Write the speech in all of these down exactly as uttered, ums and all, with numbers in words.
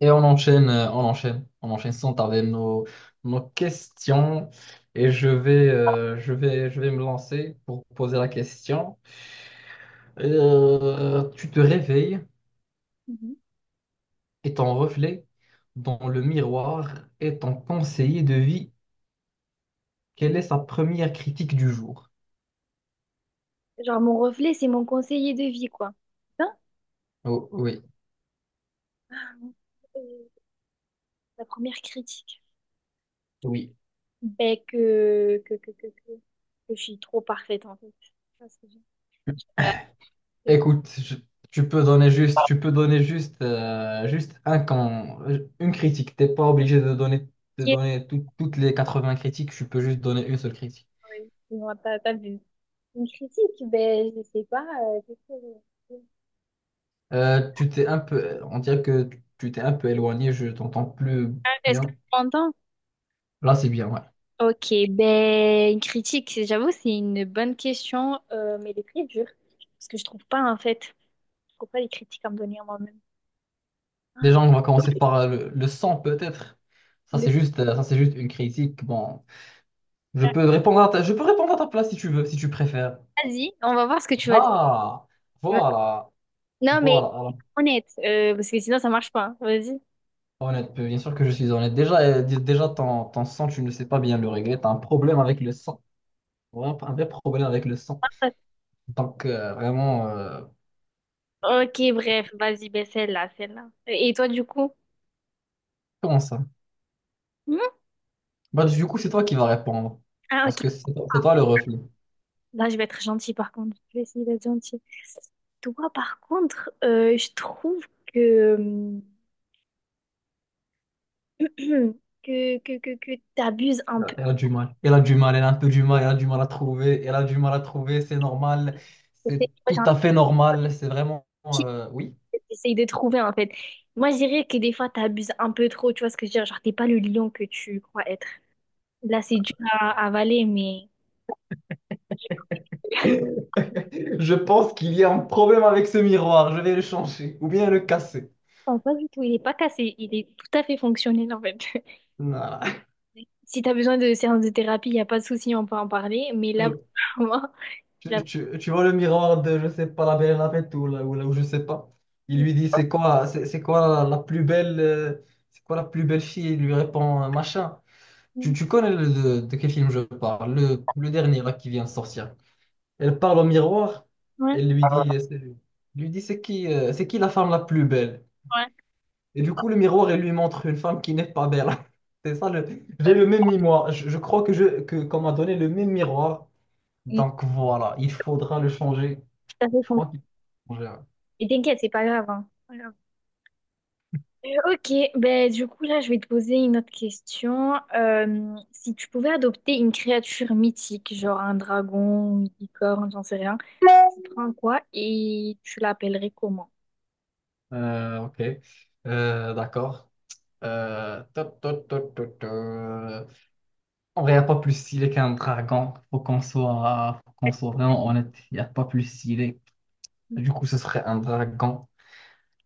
Et on enchaîne, euh, on enchaîne, on enchaîne sans tarder nos, nos questions. Et je vais, euh, je vais, je vais me lancer pour poser la question. Euh, tu te réveilles Mhm. et ton reflet dans le miroir est ton conseiller de vie. Quelle est sa première critique du jour? Genre, mon reflet, c'est mon conseiller de vie, quoi. Hein. Oh, oui, Euh, La première critique. oui. Ben, que, que, que, que, que, que je suis trop parfaite, en fait. Parce que je sais pas Écoute, je- tu peux donner juste, tu peux donner juste, euh, juste un camp, une critique. T'es pas obligé de donner, de critiquer, donner tout- toutes les quatre-vingts critiques. Tu peux juste donner une seule critique. ouais. Non, t'as, t'as vu. Une critique, ben, je sais pas. Euh, qu'est-ce que je- Euh, tu t'es un peu, on dirait que tu t'es un peu éloigné. Je t'entends plus Ah, est-ce que bien. tu m'entends? Là, c'est bien, ouais. Ok, ben, une critique, c'est- j'avoue, c'est une bonne question, euh, mais elle est très dure. Parce que je trouve pas, en fait. Je trouve pas les critiques à me donner à moi-même. Ah, Déjà, on va commencer par euh, le, le son, peut-être. Ça, le- c'est juste, euh, ça, c'est juste une critique. Bon, je peux répondre à ta... Je peux répondre à ta place si tu veux, si tu préfères. vas-y, on va voir ce que tu vas Ah, dire. voilà, Non, mais voilà, voilà. honnête, euh, parce que sinon ça marche pas. Vas-y. Honnête, euh, bien sûr que je suis honnête. Déjà, euh, dé- déjà ton, ton sang, tu ne sais pas bien le régler. Tu as un problème avec le sang. Vraiment, un vrai problème avec le sang. Donc, euh, vraiment, euh, Ok, bref, vas-y, ben celle-là, celle-là. Et toi, du coup? comment ça? Hmm. Bah, du coup, c'est toi qui vas répondre. Ah, Parce ok. que c'est toi, c'est toi le reflet. Là, je vais être gentille, par contre. Je vais essayer d'être gentille. Toi, par contre, euh, je trouve que, que, que, que, que t'abuses un peu. Elle a du mal. Elle a du mal, elle a un peu du mal, elle a du mal à trouver. Elle a du mal à trouver, c'est normal. Tu sais, C'est moi, j'ai tout un à fait normal. C'est vraiment... petit euh, oui. que t'essayes de trouver, en fait. Moi, je dirais que des fois, t'abuses un peu trop. Tu vois ce que je veux dire? Genre, t'es pas le lion que tu crois être. Là, c'est dur à à avaler, mais... Je pense qu'il y a un problème avec ce miroir. Je vais le changer ou bien le casser. Non, pas du tout. Il est pas cassé. Il est tout à fait fonctionnel, en fait. Voilà. Si t'as besoin de séances de thérapie, il n'y a pas de souci, on peut en parler. Mais là, pour moi, il a... Tu, tu- tu vois le miroir de, je sais pas, la Belle et la Bête ou, là, ou, là, ou je sais pas. Il lui dit, c'est quoi, c'est c'est quoi la, la plus belle, euh, c'est quoi la plus belle fille? Il lui répond, euh, machin. Tu, tu connais le- de, de quel film je parle, le, le dernier là, qui vient de sortir. Elle parle au miroir. Ouais, ouais. Elle lui dit, euh, c'est- lui dit, c'est qui, euh, c'est qui la femme la plus belle? Et du coup, le miroir, il lui montre une femme qui n'est pas belle. C'est ça, le... j'ai le même miroir. Je, je crois que je que, qu'on m'a donné le même miroir. Il est Donc voilà, il faudra le changer. tout à fait Je crois fonctionnel. qu'il faut changer, ouais. Et t'inquiète, c'est pas grave, hein. Pas grave. Euh, ok, ben du coup, là, je vais te poser une autre question. Euh, si tu pouvais adopter une créature mythique, genre un dragon, une licorne, j'en sais rien, tu prends quoi et tu l'appellerais comment? Euh, ok, Euh, d'accord. Euh, ta, ta, ta, ta, ta. En vrai, il n'y a pas plus stylé qu'un dragon. Faut qu'on soit, faut Tu qu'on soit vraiment honnête. Il n'y a pas plus stylé. Du coup, ce serait un dragon.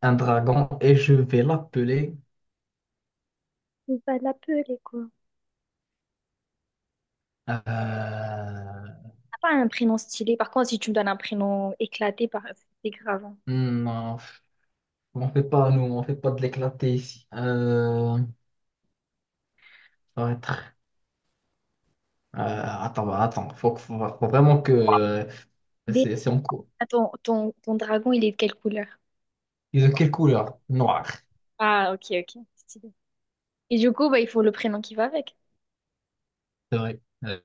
Un dragon. Et je vais l'appeler. vas l'appeler quoi? euh, Pas un prénom stylé. Par contre, si tu me donnes un prénom éclaté, par... c'est grave, hein. hmm, Non. On fait pas, nous, on fait pas de l'éclaté ici. Euh, ça va être- euh, attends, bah, attends, faut, que- faut- faut vraiment que euh, Dé- c'est c'est en cours. Ah, Ton, ton, ton dragon, il est de quelle couleur? Ils ont quelle couleur? Noir. Ah, ok, ok. Stylé. Et du coup, bah, il faut le prénom qui va avec. C'est vrai.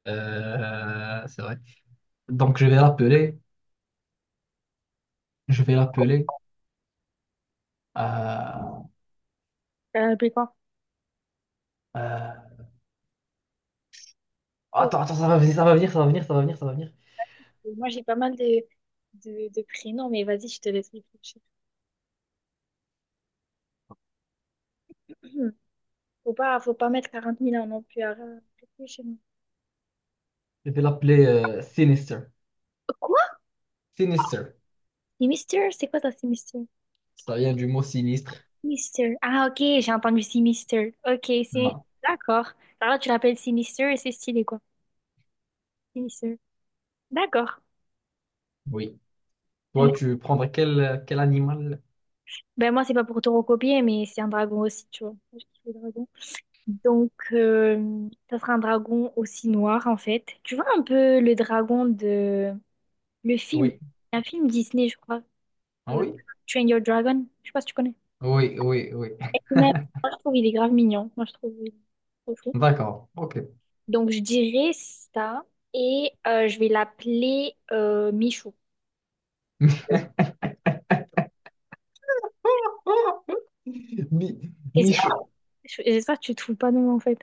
Euh, c'est vrai. Donc je vais l'appeler, je vais l'appeler. euh, Euh, mais quoi? euh, Oh, attends, attends, ça va venir, ça va venir, ça va venir, ça va venir, ça va venir. moi, j'ai pas mal de, de, de prénoms, mais vas-y, je te laisse réfléchir. Hmm. Faut pas, faut pas mettre quarante mille ans non plus à euh, réfléchir. Je vais l'appeler euh, Sinister. Quoi? Sinister. C'est Mister? C'est quoi ça, c'est Mister? Ça vient du mot sinistre. Mister. Ah, ok, j'ai entendu c'est Mister. Ok, c'est... Non. D'accord. Alors, là, tu l'appelles Sinister et c'est stylé, quoi. Sinister. D'accord. Oui. Toi, tu prendrais quel, quel animal? Ben moi, c'est pas pour te recopier, mais c'est un dragon aussi, tu vois. Je kiffe les dragons. Donc, euh, ça sera un dragon aussi noir, en fait. Tu vois un peu le dragon de... Le film, Oui. un film Disney, je crois. Ah Euh, oui? Train Your Dragon. Je sais pas si tu connais. Oui, oui, oui. Et même, moi, je trouve il est grave mignon. Moi, je trouve il est trop chou. D'accord, ok. Donc, je dirais ça. Et euh, je vais l'appeler euh, Michou. Mi- Michaud. J'espère j'espère que tu trouves pas non, en fait.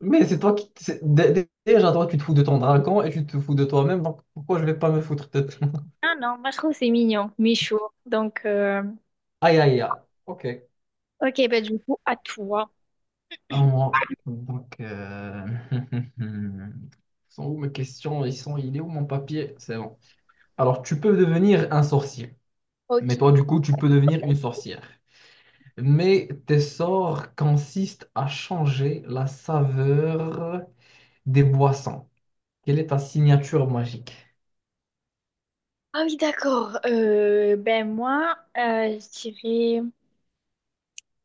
Mais c'est toi qui. c'est- dé- dé- Déjà, toi, tu te fous de ton dragon et tu te fous de toi-même, donc pourquoi je vais pas me foutre de toi? Ah non, moi, je trouve que c'est mignon. Michou. Donc... euh, Aïe, aïe, aïe. Ok. Ok, ben du coup, à toi. Alors, donc, euh, ils sont où mes questions? Ils sont... Il est où mon papier? C'est bon. Alors, tu peux devenir un sorcier. Ok. Mais toi, du coup, tu peux devenir une sorcière. Mais tes sorts consistent à changer la saveur des boissons. Quelle est ta signature magique? Ah oui, d'accord. Euh, ben moi, euh, je dirais,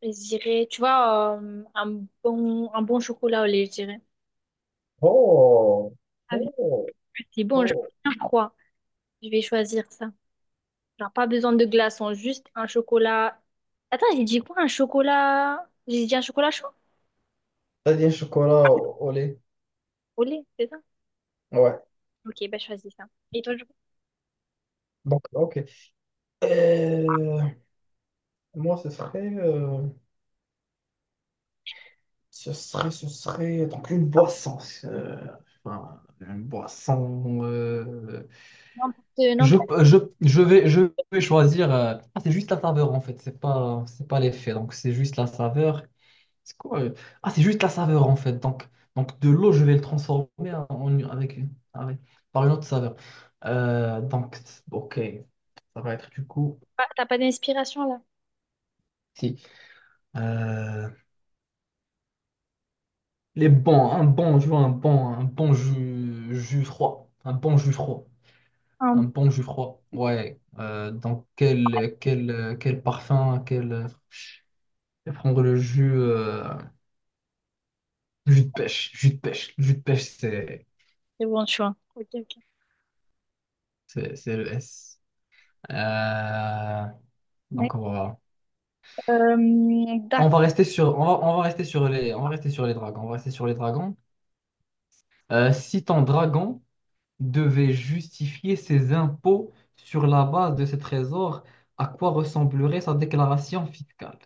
je dirais, tu vois, euh, un bon, un bon chocolat au lait, je dirais. Oh, Avec c'est bon, je bien froid. Je vais choisir ça. Genre, pas besoin de glaçons, juste un chocolat. Attends, j'ai dit quoi? Un chocolat. J'ai dit un chocolat chaud t'as dit un chocolat au, au lait. au lait, c'est ça? Ouais. Ok, ben je choisis ça. Et toi, du coup, Donc, ok. Euh, moi, ce serait, euh, ce serait, ce serait donc une boisson. Euh, enfin, une boisson. euh, n'importe, Je, n'importe je, je vais, je vais choisir. euh, ah, c'est juste la saveur en fait, c'est pas, c'est pas l'effet. Donc c'est juste la saveur. C'est quoi? euh Ah, c'est juste la saveur en fait. Donc, donc de l'eau, je vais le transformer en, en- avec, avec- par une autre saveur. Euh, donc, ok, ça va être du coup. quoi. T'as pas d'inspiration là? Si. Euh, les bons, un bon, je veux un bon, un bon jus, jus froid. Un bon jus froid. Ah, Un bon jus froid. Ouais. Euh, donc, quel, quel, quel parfum, quel. Je vais prendre le jus, euh, jus de pêche. Jus de pêche. Jus de pêche, c'est c'est bon choix. Ok, ok. c'est- c'est le S. Euh, Ouais. donc voilà. Euh, On D'accord. va rester sur, on va, on va rester sur les, on va rester sur les dragons. On va rester sur les dragons. Euh, si ton dragon devait justifier ses impôts sur la base de ses trésors, à quoi ressemblerait sa déclaration fiscale?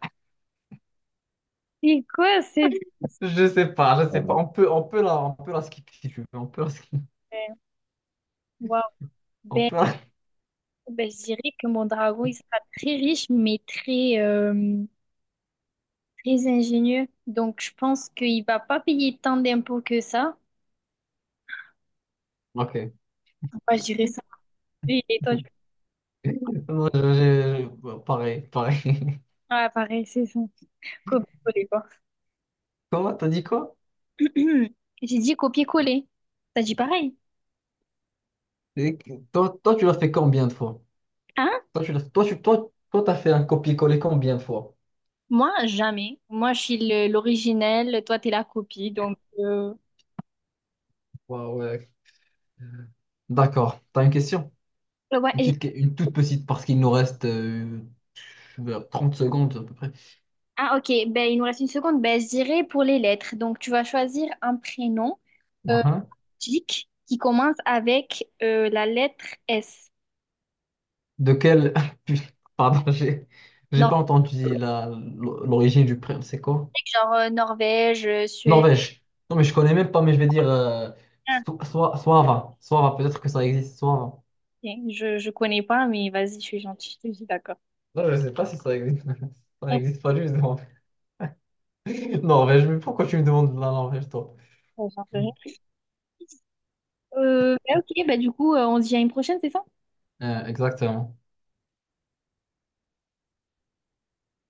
C'est quoi cette... Je sais pas, je sais pas. On peut, on peut la, on peut la skipper si tu veux. On peut la skip. Waouh. On Ben, peut la- ben, je dirais que mon dragon, il sera très riche, mais très, euh, très ingénieux. Donc, je pense qu'il va pas payer tant d'impôts que ça. ok. Enfin, je dirais ça. Lui, il est en Non, je- je- je- pareil, pareil. à pareil, c'est ça. Copier-coller, quoi. Comment t'as dit quoi? J'ai dit copier-coller. T'as dit pareil. Et que- Toi, toi, tu l'as fait combien de fois? Hein? Toi, tu l'as, toi, tu, toi, toi, t'as fait un copier-coller combien de fois? Moi, jamais. Moi, je suis le- l'originel. Toi, t'es la copie. Donc, euh, Waouh, d'accord. T'as une question? ouais. Une et- petite, que- une toute petite, parce qu'il nous reste euh, vers trente secondes à peu près. Ah, ok. Ben, il nous reste une seconde. Ben, je dirais pour les lettres. Donc, tu vas choisir un prénom. euh, Uhum. Nordiques qui commencent avec euh, la lettre S. De quel... putain, pardon, j'ai j'ai Donc, pas entendu la l'origine du prénom. C'est quoi? genre euh, Norvège, euh, Suède. Norvège. Non, mais je connais même pas, mais je vais dire euh, Ah, so- Soi- Soava. Soava, peut-être que ça existe, Soava. ok, Je, je connais pas, mais vas-y, je suis gentille, je te dis d'accord. Non, je sais pas si ça existe. Ça Ok, n'existe pas, justement. Norvège, mais pourquoi tu me demandes de la Norvège, toi? j'en sais Euh, bah, ok, bah du coup, euh, on se dit à une prochaine, c'est ça? Euh, exactement.